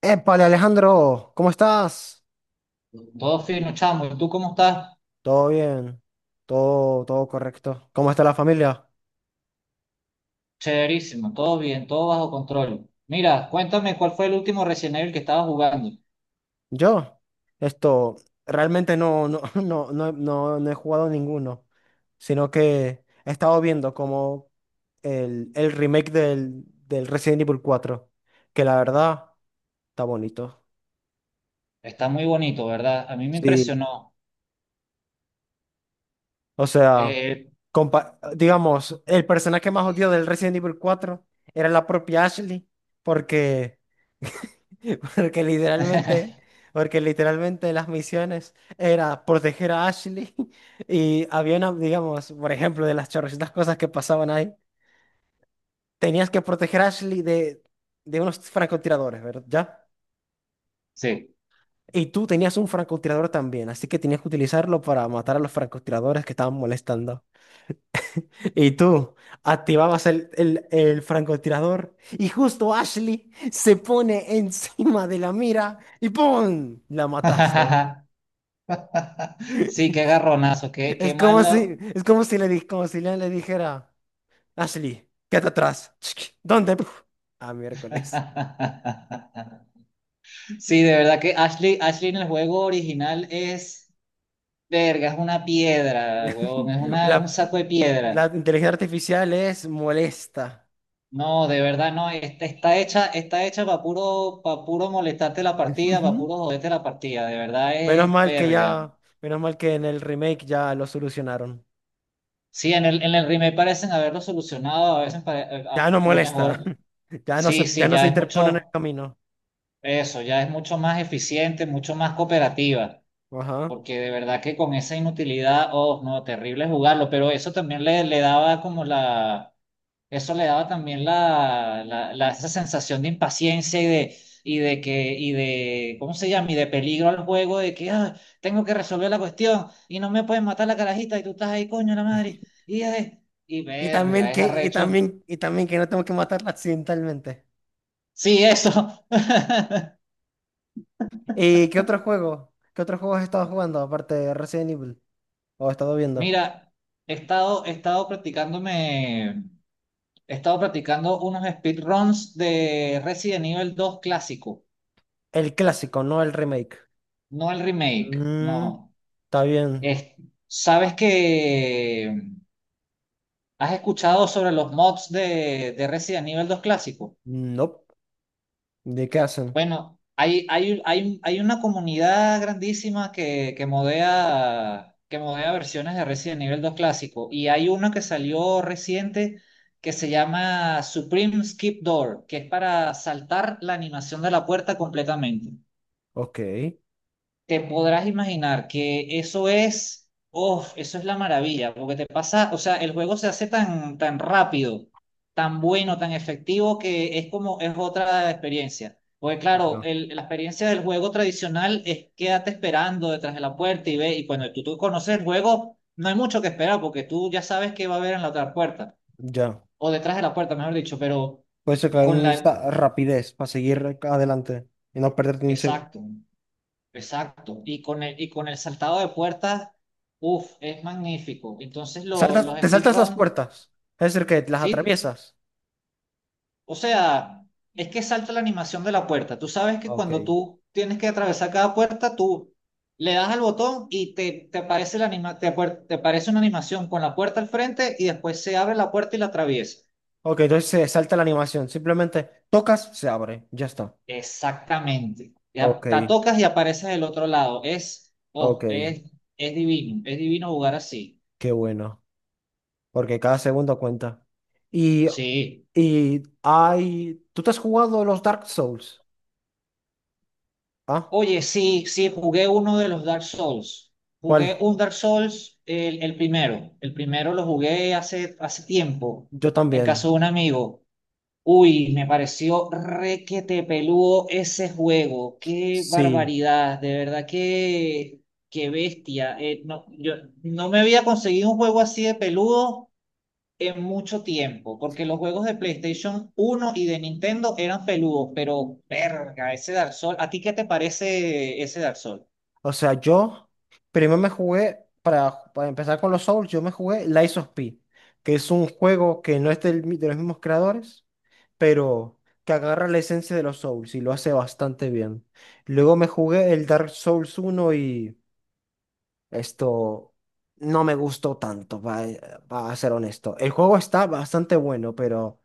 Épale, Alejandro, ¿cómo estás? Todo fino, chamo. ¿Y tú cómo estás? Todo bien, todo correcto. ¿Cómo está la familia? Chéverísimo, todo bien, todo bajo control. Mira, cuéntame cuál fue el último Resident Evil que estabas jugando. Yo, esto, realmente no, no, no, no, no, no he jugado ninguno, sino que he estado viendo como el remake del Resident Evil cuatro, que la verdad está bonito. Está muy bonito, ¿verdad? A mí me Sí, impresionó. o sea, Eh, digamos, el personaje más odiado del Resident Evil cuatro era la propia Ashley, porque Porque literalmente, porque literalmente, las misiones era proteger a Ashley y había una, digamos, por ejemplo, de las chorrocientas cosas que pasaban ahí, tenías que proteger a Ashley de unos francotiradores, ¿verdad? ¿Ya? sí. Y tú tenías un francotirador también, así que tenías que utilizarlo para matar a los francotiradores que estaban molestando. Y tú activabas el francotirador y justo Ashley se pone encima de la mira y ¡pum! La mataste. Sí, qué garronazo, qué, qué malo. Es como si le di- como si Leon le dijera, Ashley, quédate atrás. ¿Dónde? Puf. Ah, miércoles. Sí, de verdad que Ashley, Ashley en el juego original es, verga, es una piedra, huevón, es una, es un La, saco de la piedra. inteligencia artificial es molesta. No, de verdad no, está, está hecha para puro molestarte la partida, para Ujú. puro joderte la partida, de verdad Menos es mal que verga. ya, menos mal que en el remake ya lo solucionaron. Sí, en el remake parecen haberlo solucionado, a veces Ya no lo molesta. mejor, Ya no se, sí, ya sí, no se ya es interpone en el mucho, camino. eso, ya es mucho más eficiente, mucho más cooperativa, Ajá. porque de verdad que con esa inutilidad, oh, no, terrible jugarlo, pero eso también le daba como la. Eso le daba también la esa sensación de impaciencia y de que, y de, ¿cómo se llama? Y de peligro al juego, de que "Ah, tengo que resolver la cuestión y no me pueden matar la carajita y tú estás ahí, coño, la madre. Y y Y también verga, es que, y arrecho. también, y también que no tengo que matarla accidentalmente. Sí, eso. ¿Y qué otro juego? ¿Qué otro juego has estado jugando aparte de Resident Evil? ¿O has estado viendo? Mira, he estado practicándome, he estado practicando unos speedruns de Resident Evil dos clásico, El clásico, no el remake. no el remake, Mm, no. está bien. Es- Sabes que. ¿Has escuchado sobre los mods de Resident Evil 2 clásico? No. ¿De qué hacen? Bueno, hay una comunidad grandísima que modea versiones de Resident Evil 2 clásico y hay una que salió reciente que se llama Supreme Skip Door, que es para saltar la animación de la puerta completamente. Ok. Te podrás imaginar que eso es, oh, eso es la maravilla, porque te pasa, o sea, el juego se hace tan rápido, tan bueno, tan efectivo, que es como, es otra experiencia. Porque claro, Ya. La experiencia del juego tradicional es quédate esperando detrás de la puerta y ve, y cuando tú conoces el juego, no hay mucho que esperar, porque tú ya sabes qué va a haber en la otra puerta, Ya. o detrás de la puerta, mejor dicho, pero Puedes sacar con una la, lista rapidez para seguir adelante y no perderte ni un segundo. exacto, exacto, y con el saltado de puertas, uff, es magnífico. Entonces Saltas, los te saltas las speedrun, puertas. Es decir, que las ¿sí? atraviesas. O sea, es que salta la animación de la puerta. Tú sabes que Ok. cuando tú tienes que atravesar cada puerta, tú le das al botón y te aparece la anima- te, apar- te aparece una animación con la puerta al frente y después se abre la puerta y la atraviesa. Ok, entonces se salta la animación. Simplemente tocas, se abre. Ya está. Exactamente. Ya, Ok. la tocas y apareces del otro lado. Es, Ok. oh, es, es divino, es divino jugar así. Qué bueno. Porque cada segundo cuenta. Y, Sí. y hay. ¿Tú te has jugado los Dark Souls? ¿Ah? Oye, sí, sí, jugué uno de los Dark Souls. Jugué ¿Cuál? un Dark Souls, el primero. El primero lo jugué hace tiempo, Yo en casa también. de un amigo. Uy, me pareció requete peludo ese juego. Qué Sí. barbaridad, de verdad, qué bestia. No, yo no me había conseguido un juego así de peludo en mucho tiempo, porque los juegos de PlayStation uno y de Nintendo eran peludos, pero verga, ese Dark Souls, ¿a ti qué te parece ese Dark Souls? O sea, yo primero me jugué, para empezar con los Souls, yo me jugué Lies of P, que es un juego que no es de los mismos creadores, pero que agarra la esencia de los Souls y lo hace bastante bien. Luego me jugué el Dark Souls uno y esto no me gustó tanto, para ser honesto. El juego está bastante bueno, pero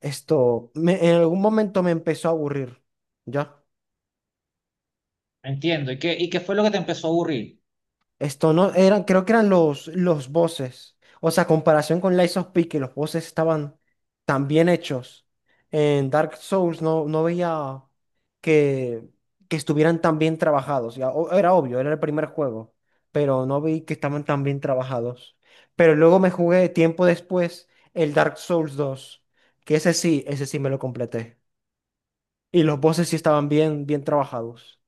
en algún momento me empezó a aburrir. ¿Ya? Entiendo, ¿y qué fue lo que te empezó a aburrir? Esto no eran, creo que eran los voces. O sea, comparación con Lies of P, que los voces estaban tan bien hechos. En Dark Souls no, no veía que, que estuvieran tan bien trabajados. Ya, era obvio, era el primer juego, pero no vi que estaban tan bien trabajados. Pero luego me jugué tiempo después el Dark Souls dos que ese sí me lo completé. Y los voces sí estaban bien, bien trabajados.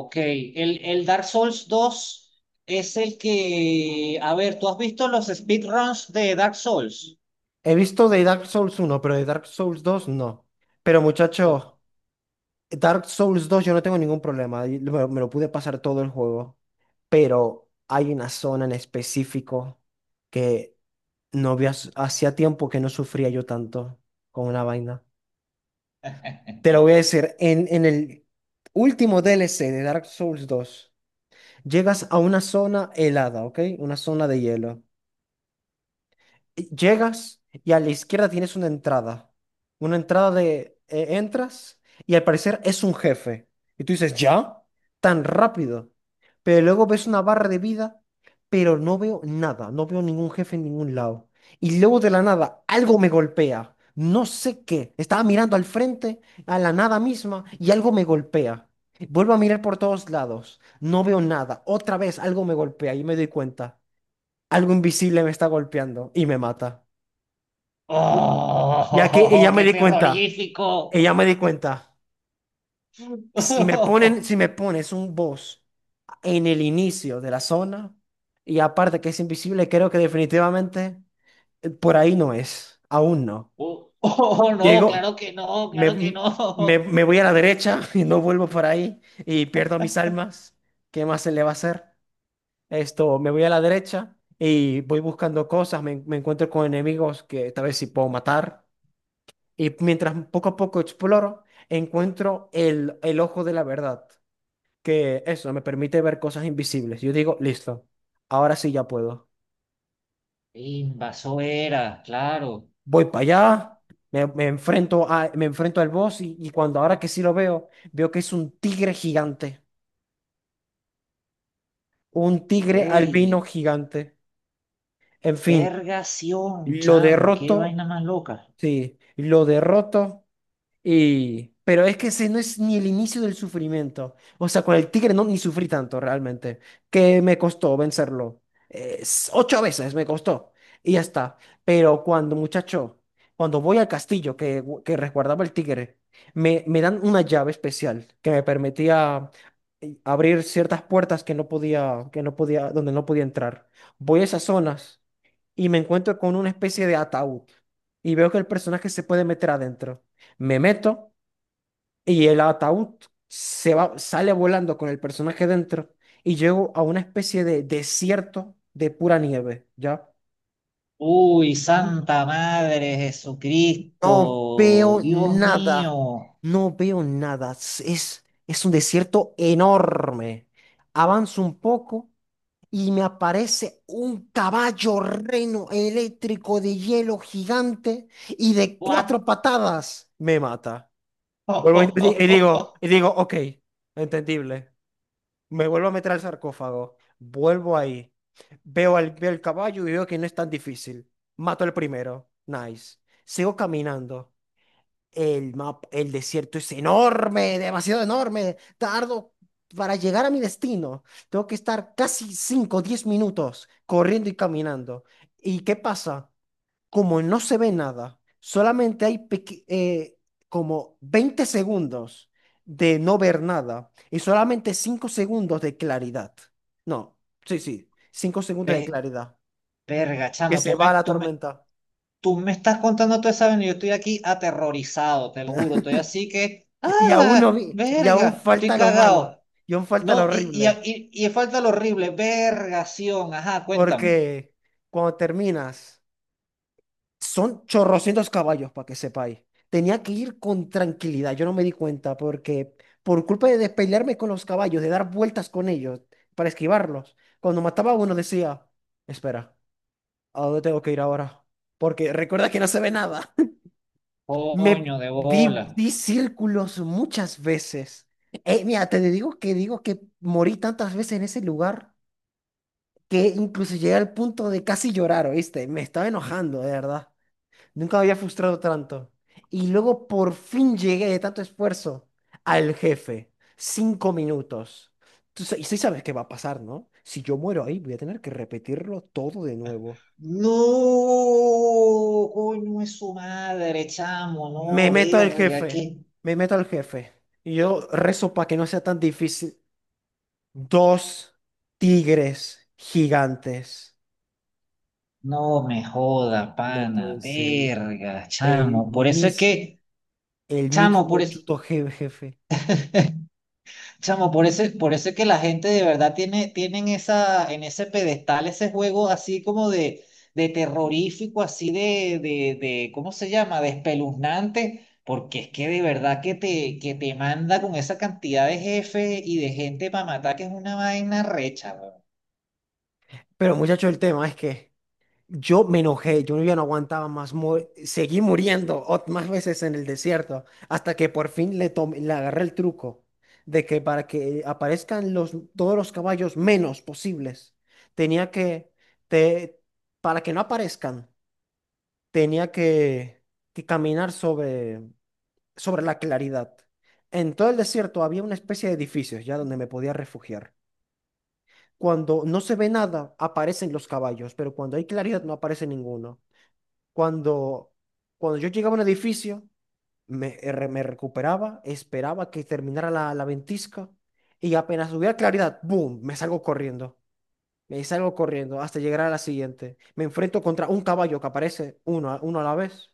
Ok, el Dark Souls dos es el que, a ver, ¿tú has visto los speedruns de Dark Souls? He visto de Dark Souls uno, pero de Dark Souls dos no. Pero Oh. muchacho, Dark Souls dos yo no tengo ningún problema. Lo pude pasar todo el juego. Pero hay una zona en específico que no había, hacía tiempo que no sufría yo tanto con una vaina. Te lo voy a decir, en el último D L C de Dark Souls dos, llegas a una zona helada, ¿ok? Una zona de hielo. Llegas y a la izquierda tienes una entrada. Una entrada entras y al parecer es un jefe. Y tú dices, ¿ya? Tan rápido. Pero luego ves una barra de vida, pero no veo nada. No veo ningún jefe en ningún lado. Y luego de la nada, algo me golpea. No sé qué. Estaba mirando al frente, a la nada misma, y algo me golpea. Vuelvo a mirar por todos lados. No veo nada. Otra vez algo me golpea y me doy cuenta. Algo invisible me está golpeando y me mata. Ya que ¡Oh, ella me qué di cuenta, terrorífico! ella me di cuenta, si me ponen, si me pones un boss en el inicio de la zona, y aparte que es invisible, creo que definitivamente por ahí no es, aún no. Oh, oh, no, claro Llego, que no, me, claro que me, no. me voy a la derecha y no vuelvo por ahí y pierdo mis almas. ¿Qué más se le va a hacer? Esto, me voy a la derecha y voy buscando cosas, me encuentro con enemigos que tal vez sí puedo matar. Y mientras poco a poco exploro, encuentro el ojo de la verdad, que eso me permite ver cosas invisibles. Yo digo, listo, ahora sí ya puedo. Invaso era, claro. Voy para allá, me enfrento al boss y cuando ahora que sí lo veo, veo que es un tigre gigante, un tigre albino ¡Ey! gigante. En fin, Vergación, lo chamo, qué derroto, vaina más loca. sí, lo derroto. Y, pero es que ese no es ni el inicio del sufrimiento. O sea, con el tigre no ni sufrí tanto realmente, que me costó vencerlo. Ocho veces me costó y ya está. Pero cuando, muchacho, cuando voy al castillo que resguardaba el tigre, me dan una llave especial que me permitía abrir ciertas puertas que no podía, donde no podía entrar. Voy a esas zonas y me encuentro con una especie de ataúd y veo que el personaje se puede meter adentro. Me meto y el ataúd se va, sale volando con el personaje dentro y llego a una especie de desierto de pura nieve, ¿ya? Uy, Santa Madre No Jesucristo, veo Dios nada. mío. No veo nada. Es un desierto enorme. Avanzo un poco y me aparece un caballo reno eléctrico de hielo gigante y de What? cuatro patadas me mata. Vuelvo y digo, ok, entendible. Me vuelvo a meter al sarcófago, vuelvo ahí, veo el caballo y veo que no es tan difícil. Mato el primero, nice. Sigo caminando. El mapa, el desierto es enorme, demasiado enorme. Tardo para llegar a mi destino. Tengo que estar casi 5 o 10 minutos corriendo y caminando. ¿Y qué pasa? Como no se ve nada, solamente hay como 20 segundos de no ver nada y solamente 5 segundos de claridad. No, sí, sí, 5 segundos de Ve- claridad. Verga, Que chamo, se tú va me, la tú me, tormenta. tú me estás contando todo esa vaina y yo estoy aquí aterrorizado, te lo juro. Estoy así que, Y aún no ah, vi, y aún verga, estoy falta lo malo, cagado. y aún falta lo No, y, y, horrible. y, y falta lo horrible, vergación, ajá, cuéntame. Porque cuando terminas, son chorrocientos caballos, para que sepáis. Tenía que ir con tranquilidad, yo no me di cuenta, porque por culpa de despelearme con los caballos, de dar vueltas con ellos, para esquivarlos, cuando mataba a uno decía, espera, ¿a dónde tengo que ir ahora? Porque recuerda que no se ve nada. Me Coño de di, bola. Di círculos muchas veces. Mira, te digo que morí tantas veces en ese lugar que incluso llegué al punto de casi llorar, ¿oíste? Me estaba enojando, de verdad. Nunca me había frustrado tanto. Y luego por fin llegué de tanto esfuerzo al jefe. 5 minutos. Y sí sabes qué va a pasar, ¿no? Si yo muero ahí, voy a tener que repetirlo todo de nuevo. No, coño es su madre, chamo, Me no, meto al verga, jefe. que Me meto al jefe. Y yo rezo para que no sea tan difícil. Dos tigres gigantes. no me joda, No pana, pueden ser verga, chamo. Por eso es mismo. que, El chamo, mismo por eso. Chuto jefe. Chamo, por eso es que la gente de verdad tiene, tienen esa, en ese pedestal ese juego así como de terrorífico, así de, ¿cómo se llama? De espeluznante, porque es que de verdad que te manda con esa cantidad de jefes y de gente para matar, que es una vaina recha, weón. Pero muchacho, el tema es que yo me enojé, yo ya no aguantaba más, seguí muriendo más veces en el desierto, hasta que por fin le agarré el truco de que para que aparezcan todos los caballos menos posibles, tenía que, te, para que no aparezcan, tenía que caminar sobre la claridad. En todo el desierto había una especie de edificios ya donde me podía refugiar. Cuando no se ve nada, aparecen los caballos, pero cuando hay claridad no aparece ninguno. Cuando, cuando yo llegaba a un edificio, me recuperaba, esperaba que terminara la ventisca y apenas hubiera claridad, ¡boom! Me salgo corriendo. Me salgo corriendo hasta llegar a la siguiente. Me enfrento contra un caballo que aparece uno a la vez,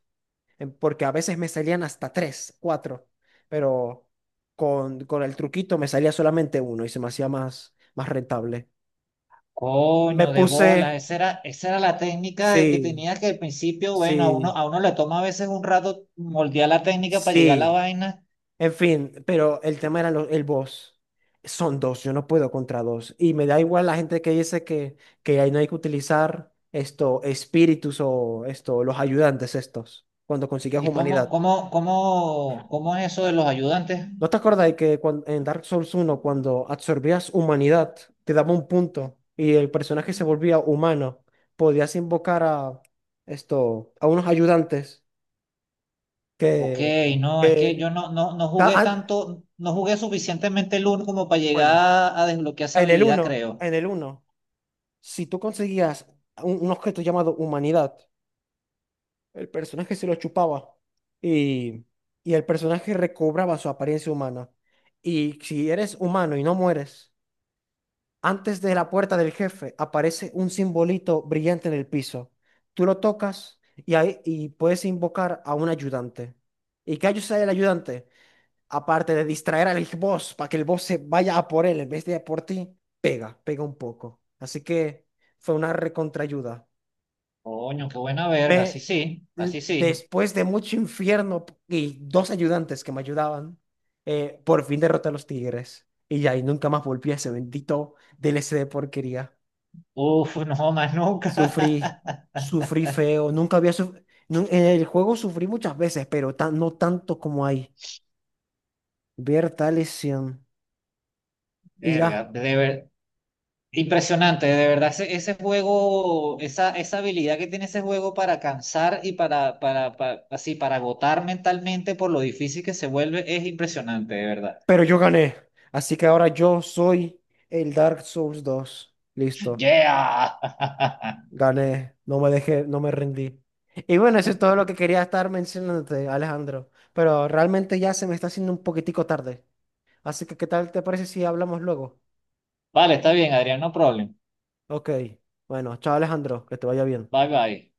porque a veces me salían hasta tres, cuatro, pero con el truquito me salía solamente uno y se me hacía más rentable. Coño, Me de puse. bolas, esa era la técnica de que Sí, tenía que al principio, bueno, sí, a uno le toma a veces un rato moldear la técnica para llegar a la sí. vaina. En fin, pero el tema era el boss. Son dos, yo no puedo contra dos. Y me da igual la gente que dice que ahí no hay que utilizar esto, espíritus o esto, los ayudantes estos, cuando consigues ¿Y cómo, humanidad. cómo, cómo, cómo es eso de los ayudantes? ¿No te acuerdas de que en Dark Souls uno cuando absorbías humanidad, te daba un punto y el personaje se volvía humano? Podías invocar a esto, a unos ayudantes Ok, que, no, es que que yo no, no, no jugué ah, tanto, no jugué suficientemente el uno como para llegar bueno. A desbloquear esa En el habilidad, uno, creo. en el uno. Si tú conseguías un objeto llamado humanidad, el personaje se lo chupaba y, y el personaje recobraba su apariencia humana. Y si eres humano y no mueres, antes de la puerta del jefe aparece un simbolito brillante en el piso. Tú lo tocas y, ahí, y puedes invocar a un ayudante. ¿Y qué ayuda el ayudante? Aparte de distraer al boss para que el boss se vaya a por él en vez de a por ti, pega, pega un poco. Así que fue una recontraayuda. Coño, qué buena verga, así Me, sí, así sí. Después de mucho infierno y dos ayudantes que me ayudaban, por fin derroté a los tigres. Y ya, y nunca más volví a ese bendito DLC de porquería. Uf, no, más Sufrí, nunca. sufrí feo. Nunca había sufrido. En el juego sufrí muchas veces, pero no tanto como ahí. Ver tal lesión. Y Verga, ya. de ver- impresionante, de verdad, ese juego, esa habilidad que tiene ese juego para cansar y para, así, para agotar mentalmente por lo difícil que se vuelve, es impresionante, de verdad. Pero yo gané. Así que ahora yo soy el Dark Souls 2. Listo. Yeah. Gané. No me dejé, no me rendí. Y bueno, eso es todo lo que quería estar mencionándote, Alejandro. Pero realmente ya se me está haciendo un poquitico tarde. Así que, ¿qué tal te parece si hablamos luego? Vale, está bien, Adrián, no problem. Ok. Bueno, chao, Alejandro. Que te vaya bien. Bye bye.